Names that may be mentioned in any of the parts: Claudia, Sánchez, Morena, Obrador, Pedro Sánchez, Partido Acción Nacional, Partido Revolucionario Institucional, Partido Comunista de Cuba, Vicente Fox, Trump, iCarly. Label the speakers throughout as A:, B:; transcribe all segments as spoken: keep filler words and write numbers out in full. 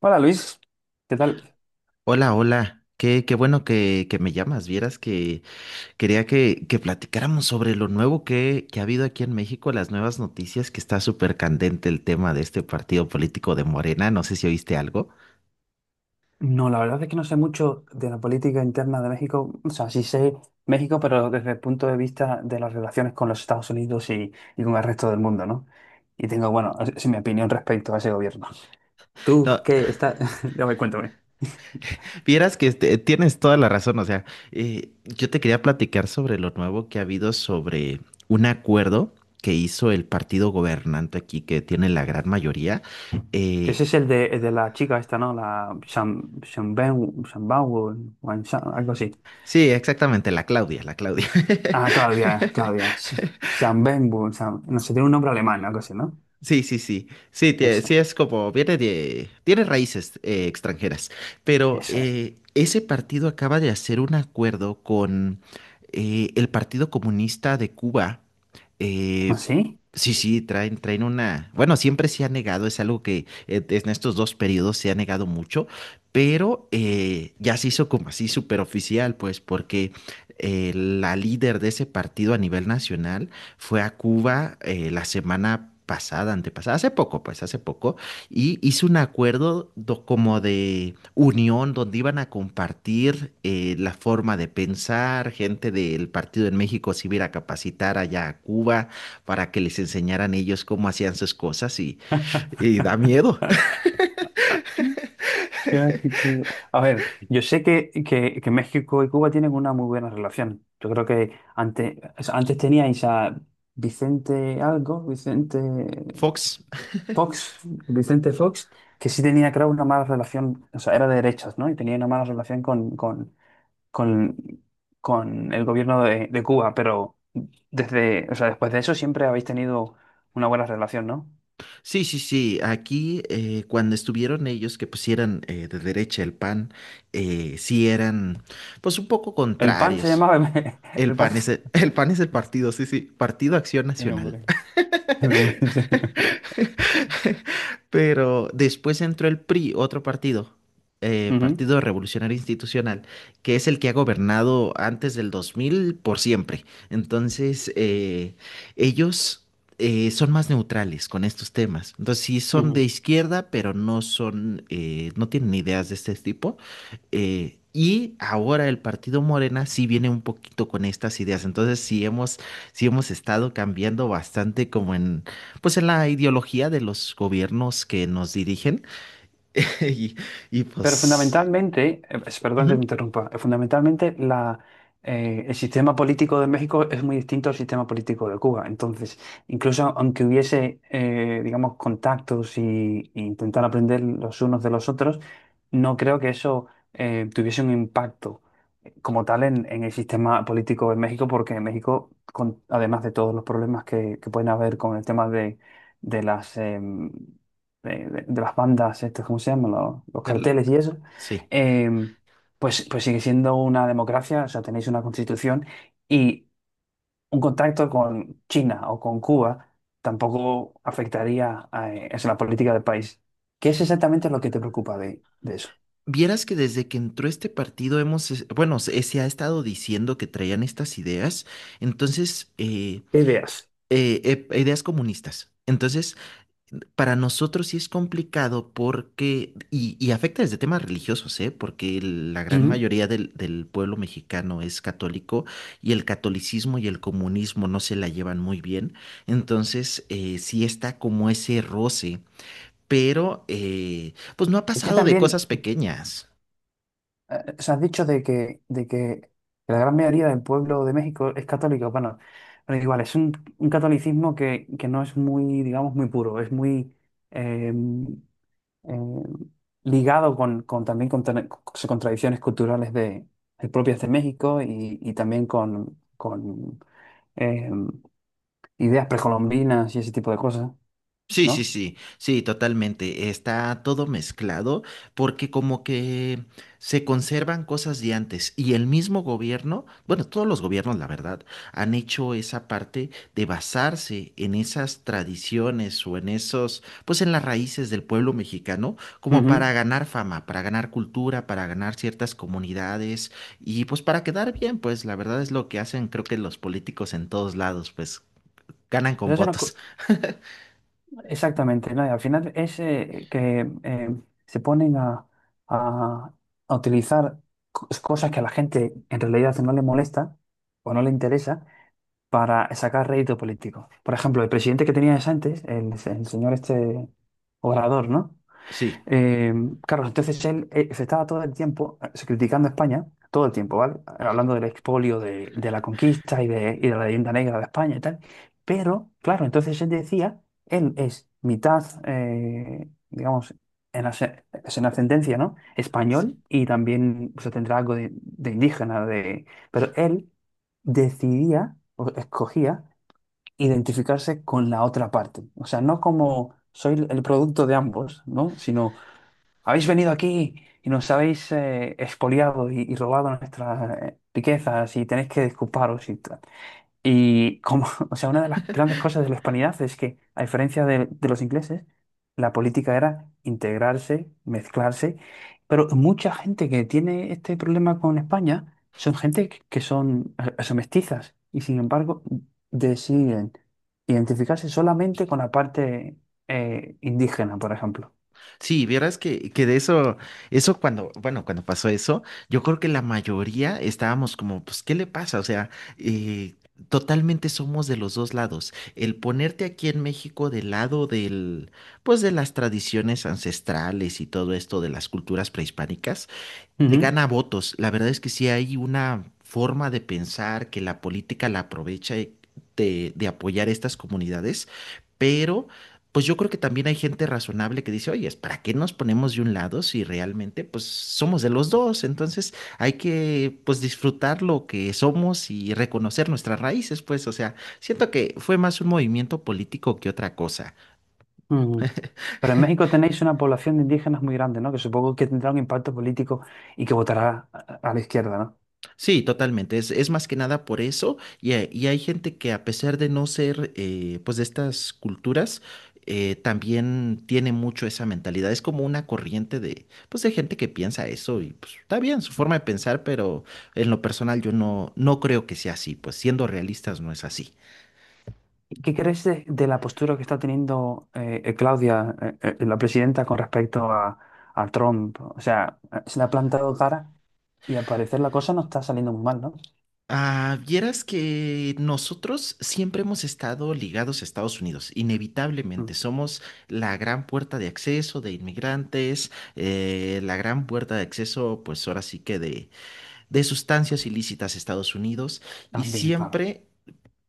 A: Hola Luis, ¿qué tal?
B: Hola, hola. Qué, qué bueno que, que me llamas. Vieras que quería que, que platicáramos sobre lo nuevo que, que ha habido aquí en México, las nuevas noticias, que está súper candente el tema de este partido político de Morena. No sé si oíste algo.
A: No, la verdad es que no sé mucho de la política interna de México. O sea, sí sé México, pero desde el punto de vista de las relaciones con los Estados Unidos y, y con el resto del mundo, ¿no? Y tengo, bueno, es, es mi opinión respecto a ese gobierno. ¿Tú
B: No,
A: qué está? Ya me cuéntame.
B: vieras que este, tienes toda la razón. O sea, eh, yo te quería platicar sobre lo nuevo que ha habido sobre un acuerdo que hizo el partido gobernante aquí, que tiene la gran mayoría.
A: Que
B: Eh,
A: ese es el de, el de la chica esta, ¿no? La Sham, Shamben- Shambawu, Wansha- algo así.
B: sí, exactamente, la Claudia, la Claudia.
A: Ah, Claudia, Claudia. Sh- Shambenwu, Sham- no sé, tiene un nombre alemán, algo así, ¿no?
B: Sí, sí, sí. Sí, tie- sí
A: Esa,
B: es como, viene de, tiene raíces eh, extranjeras. Pero
A: Esa es.
B: eh, ese partido acaba de hacer un acuerdo con eh, el Partido Comunista de Cuba.
A: ¿Ah,
B: Eh,
A: sí?
B: sí, sí, traen, traen una. Bueno, siempre se ha negado, es algo que eh, en estos dos periodos se ha negado mucho, pero eh, ya se hizo como así súper oficial, pues, porque eh, la líder de ese partido a nivel nacional fue a Cuba eh, la semana pasada, antepasada, hace poco, pues hace poco, y hizo un acuerdo do- como de unión donde iban a compartir eh, la forma de pensar, gente del partido en México se iba a ir a capacitar allá a Cuba para que les enseñaran ellos cómo hacían sus cosas y, y, da miedo.
A: Ya, que- que- A ver, yo sé que, que- que México y Cuba tienen una muy buena relación. Yo creo que antes, o sea, antes teníais a Vicente algo, Vicente
B: Fox,
A: Fox, Vicente Fox, que sí tenía, creo, una mala relación, o sea, era de derechas, ¿no? Y tenía una mala relación con, con, con, con el gobierno de, de Cuba, pero desde, o sea, después de eso siempre habéis tenido una buena relación, ¿no?
B: sí, sí, sí, aquí eh, cuando estuvieron ellos que pues pusieran eh, de derecha el P A N, eh, sí eran pues un poco
A: El PAN se
B: contrarios.
A: llamaba... El
B: El PAN
A: PAN...
B: es el, el P A N es el partido, sí, sí, Partido Acción
A: El
B: Nacional.
A: nombre. El hombre diseño.
B: Pero después entró el P R I, otro partido, eh,
A: Ujú,
B: Partido Revolucionario Institucional, que es el que ha gobernado antes del dos mil por siempre. Entonces, eh, ellos eh, son más neutrales con estos temas. Entonces, sí son de
A: ujú.
B: izquierda, pero no son, eh, no tienen ideas de este tipo. Eh, y ahora el Partido Morena sí viene un poquito con estas ideas. Entonces, sí hemos, sí hemos estado cambiando bastante como en pues en la ideología de los gobiernos que nos dirigen y, y
A: Pero
B: pues
A: fundamentalmente, eh, es- perdón
B: ujú,
A: que te interrumpa, eh, fundamentalmente la, eh, el sistema político de México es muy distinto al sistema político de Cuba. Entonces, incluso aunque hubiese, eh, digamos, contactos y, y intentar aprender los unos de los otros, no creo que eso eh, tuviese un impacto eh, como tal en, en el sistema político de México, porque en México, con- además de todos los problemas que, que pueden haber con el tema de, de las... em, de, de- de las bandas, estas, ¿cómo se llaman? Los, los
B: el-
A: carteles y eso,
B: sí.
A: eh, pues, pues sigue siendo una democracia, o sea, tenéis una constitución y un contacto con China o con Cuba tampoco afectaría a, eh, es la política del país. ¿Qué es exactamente lo que te preocupa de, de eso?
B: Vieras que desde que entró este partido hemos, es- bueno, se, se ha estado diciendo que traían estas ideas, entonces, eh,
A: ¿Qué ideas?
B: eh, eh, ideas comunistas. Entonces, para nosotros sí es complicado porque, y, y afecta desde temas religiosos, ¿eh? Porque el- la gran
A: Ujú.
B: mayoría del, del pueblo mexicano es católico y el catolicismo y el comunismo no se la llevan muy bien. Entonces, eh, sí está como ese roce, pero eh, pues no ha
A: Es que
B: pasado de
A: también
B: cosas pequeñas.
A: eh, o sea, has dicho de que, de que la gran mayoría del pueblo de México es católico. Bueno, pero igual, es un, un catolicismo que, que no es muy, digamos, muy puro, es muy eh, eh, ligado con, con también con, tra- con tradiciones culturales de, de propias de México y, y también con, con eh, ideas precolombinas y ese tipo de cosas,
B: Sí, sí,
A: ¿no?
B: sí, sí, totalmente. Está todo mezclado porque como que se conservan cosas de antes y el mismo gobierno, bueno, todos los gobiernos, la verdad, han hecho esa parte de basarse en esas tradiciones o en esos, pues en las raíces del pueblo mexicano, como para
A: Ujú.
B: ganar fama, para ganar cultura, para ganar ciertas comunidades y pues para quedar bien, pues la verdad es lo que hacen, creo que los políticos en todos lados, pues ganan con
A: Pero eso no,
B: votos.
A: exactamente, ¿no? Y al final es eh, que eh, se ponen a, a- a utilizar co- cosas que a la gente en realidad no le molesta o no le interesa para sacar rédito político. Por ejemplo, el presidente que tenías antes, el, el señor este Obrador, ¿no?
B: Sí.
A: Eh, claro, entonces él eh, se estaba todo el tiempo eh, se criticando a España, todo el tiempo, ¿vale? Hablando del expolio, de, de la conquista y de, y de la leyenda negra de España y tal. Pero, claro, entonces él decía, él es mitad, eh, digamos, en, ase- es en ascendencia, ¿no? Español y también se tendrá algo de, de indígena, de... pero él decidía, o escogía, identificarse con la otra parte. O sea, no como soy el producto de ambos, ¿no? Sino habéis venido aquí y nos habéis eh, expoliado y, y robado nuestras eh, riquezas y tenéis que disculparos y tal. Y como, o sea, una de las grandes cosas de la hispanidad es que, a diferencia de, de los ingleses, la política era integrarse, mezclarse, pero mucha gente que tiene este problema con España son gente que que son, eh, eh, son mestizas y sin embargo deciden identificarse solamente con la parte eh, indígena, por ejemplo.
B: Sí, vieras que, que de eso, eso cuando, bueno, cuando pasó eso, yo creo que la mayoría estábamos como, pues, ¿qué le pasa? O sea, eh, totalmente somos de los dos lados. El ponerte aquí en México del lado del, pues, de las tradiciones ancestrales y todo esto de las culturas prehispánicas te
A: Ujú.
B: gana votos. La verdad es que sí hay una forma de pensar que la política la aprovecha y- de, de, apoyar estas comunidades, pero pues yo creo que también hay gente razonable que dice, oye, ¿para qué nos ponemos de un lado si realmente pues somos de los dos? Entonces hay que pues disfrutar lo que somos y reconocer nuestras raíces, pues, o sea, siento que fue más un movimiento político que otra cosa.
A: Ujú. Pero en México tenéis una población de indígenas muy grande, ¿no? Que supongo que tendrá un impacto político y que votará a a la izquierda, ¿no?
B: Sí, totalmente. Es, es más que nada por eso. Y, hay y hay gente que a pesar de no ser eh, pues de estas culturas, eh, también tiene mucho esa mentalidad. Es como una corriente de, pues, de gente que piensa eso y pues está bien su forma de pensar, pero en lo personal yo no, no creo que sea así. Pues siendo realistas no es así.
A: ¿Qué crees de, de la postura que está teniendo eh, eh, Claudia, eh, eh, la presidenta, con respecto a, a Trump? O sea, eh, se le ha plantado cara y al parecer la cosa no está saliendo muy mal, ¿no?
B: Ah, vieras que nosotros siempre hemos estado ligados a Estados Unidos, inevitablemente.
A: Mm,
B: Somos la gran puerta de acceso de inmigrantes, eh, la gran puerta de acceso, pues ahora sí que de, de, sustancias ilícitas a Estados Unidos. Y
A: también, claro.
B: siempre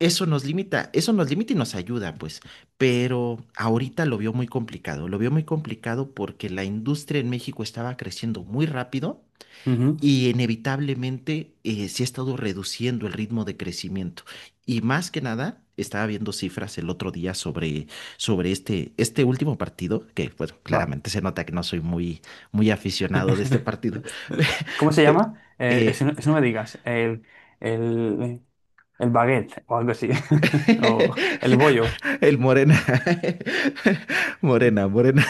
B: eso nos limita, eso nos limita y nos ayuda, pues. Pero ahorita lo vio muy complicado, lo vio muy complicado porque la industria en México estaba creciendo muy rápido.
A: Ujú,
B: Y inevitablemente eh, sí ha estado reduciendo el ritmo de crecimiento. Y más que nada, estaba viendo cifras el otro día sobre, sobre este, este último partido, que bueno,
A: va.
B: claramente se nota que no soy muy, muy aficionado de este partido.
A: ¿Cómo se
B: Pe-
A: llama? Eh,
B: eh,
A: eso, no eso no me digas. El, el, el baguette o algo así. O el bollo.
B: el Morena. Morena, Morena.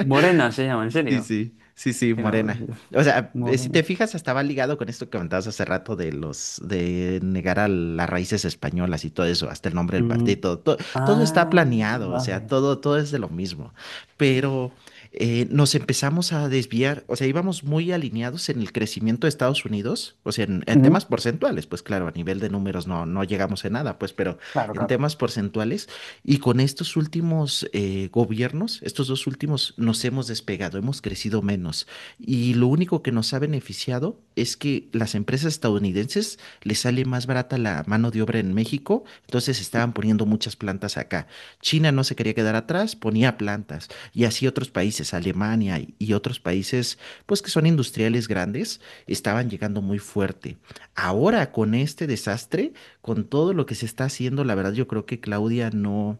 A: Morena se llama, ¿en
B: Sí,
A: serio?
B: sí, sí, sí,
A: Qué
B: morena.
A: nombrecito.
B: O sea, eh, si
A: Morena.
B: te fijas, estaba ligado con esto que comentabas hace rato de los, de negar a las raíces españolas y todo eso, hasta el nombre del
A: Mm,
B: partido, todo, todo está
A: ah,
B: planeado, o sea,
A: vale.
B: todo, todo es de lo mismo. Pero eh, nos empezamos a desviar, o sea, íbamos muy alineados en el crecimiento de Estados Unidos, o sea, en, en
A: Ujú,
B: temas porcentuales, pues claro, a nivel de números no, no llegamos a nada, pues, pero
A: claro,
B: en
A: claro,
B: temas porcentuales y con estos últimos eh, gobiernos, estos dos últimos, nos hemos despegado, hemos crecido menos. Y lo único que nos ha beneficiado es que las empresas estadounidenses les sale más barata la mano de obra en México, entonces estaban poniendo muchas plantas acá. China no se quería quedar atrás, ponía plantas. Y así otros países, Alemania y, y otros países, pues que son industriales grandes, estaban llegando muy fuerte. Ahora con este desastre, con todo lo que se está haciendo, la verdad yo creo que Claudia no,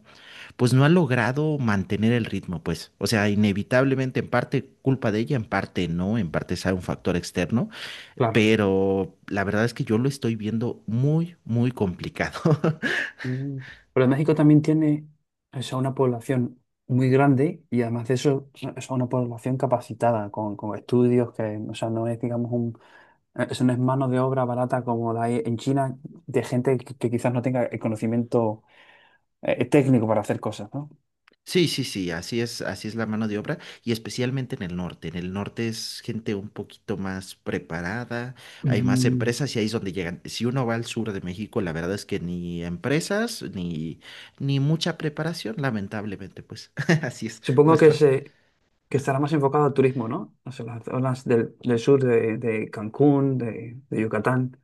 B: pues no ha logrado mantener el ritmo, pues. O sea, inevitablemente en parte culpa de ella, en parte no, en parte es un factor externo,
A: claro.
B: pero la verdad es que yo lo estoy viendo muy, muy complicado.
A: Mm. Pero México también tiene o sea, una población muy grande y además de eso es una población capacitada con, con estudios que o sea, no es digamos un eso no es mano de obra barata como la hay en China de gente que, que quizás no tenga el conocimiento eh, técnico para hacer cosas, ¿no?
B: Sí, sí, sí, así es, así es la mano de obra y especialmente en el norte. En el norte es gente un poquito más preparada, hay más
A: Mm.
B: empresas y ahí es donde llegan. Si uno va al sur de México, la verdad es que ni empresas ni ni mucha preparación, lamentablemente, pues así es
A: Supongo que
B: nuestra.
A: se que estará más enfocado al turismo, ¿no? O sea, las zonas del, del sur de, de Cancún, de, de Yucatán,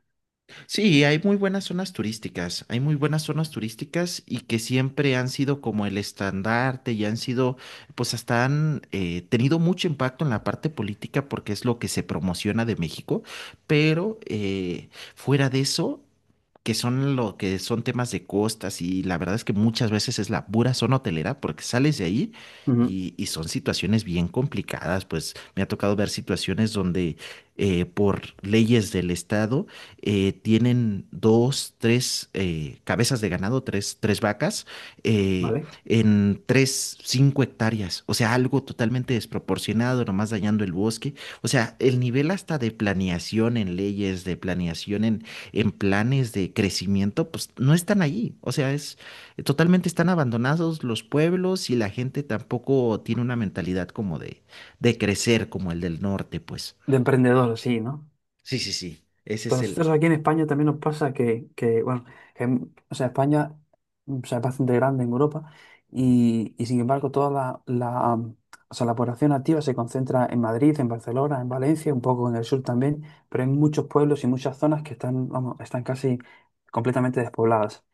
B: Sí, hay muy buenas zonas turísticas, hay muy buenas zonas turísticas y que siempre han sido como el estandarte y han sido, pues hasta han eh, tenido mucho impacto en la parte política porque es lo que se promociona de México, pero eh, fuera de eso que son lo que son temas de costas y la verdad es que muchas veces es la pura zona hotelera porque sales de ahí
A: ujú.
B: y, y son situaciones bien complicadas, pues me ha tocado ver situaciones donde eh, por leyes del estado eh, tienen dos, tres eh, cabezas de ganado, tres, tres vacas eh,
A: ¿Vale?
B: en tres, cinco hectáreas, o sea, algo totalmente desproporcionado, nomás dañando el bosque, o sea, el nivel hasta de planeación en leyes, de planeación en en planes de crecimiento, pues no están allí. O sea, es totalmente están abandonados los pueblos y la gente tampoco tiene una mentalidad como de, de crecer como el del norte, pues.
A: De emprendedor, sí, ¿no?
B: Sí, sí, sí. Ese
A: A
B: es el.
A: nosotros aquí en España también nos pasa que, que, bueno, que, o sea, España mm, o sea, es bastante grande en Europa y, y sin embargo toda la, la, mm, o sea, la población activa se concentra en Madrid, en Barcelona, en Valencia, un poco en el sur también, pero hay muchos pueblos y muchas zonas que están, vamos, están casi completamente despobladas.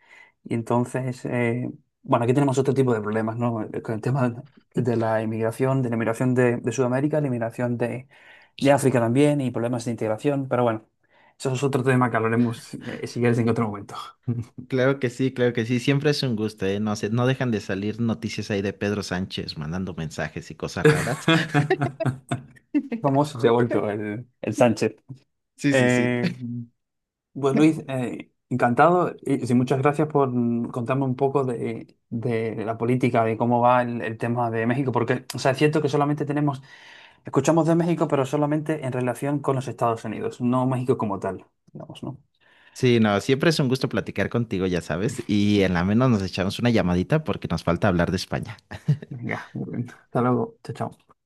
A: Y entonces, eh, bueno, aquí tenemos otro tipo de problemas, ¿no? Eh, con el tema de la inmigración, de la inmigración de, de Sudamérica, la inmigración de, de África también y problemas de integración, pero bueno. Eso es otro tema que hablaremos, eh, si quieres, en otro momento.
B: Claro que sí, claro que sí. Siempre es un gusto, ¿eh? No sé, no dejan de salir noticias ahí de Pedro Sánchez mandando mensajes y cosas raras.
A: Famoso se ha vuelto el, el Sánchez.
B: Sí, sí, sí.
A: Eh, pues Luis, eh, encantado y, sí, muchas gracias por mm, contarme un poco de, de la política, de cómo va el, el tema de México, porque, o sea, es cierto que solamente tenemos, escuchamos de México, pero solamente en relación con los Estados Unidos, no México como tal, digamos, ¿no?
B: Sí, no, siempre es un gusto platicar contigo, ya sabes. Y en la menos nos echamos una llamadita porque nos falta hablar de España.
A: Venga, muy bien. Hasta luego. Chao, chao.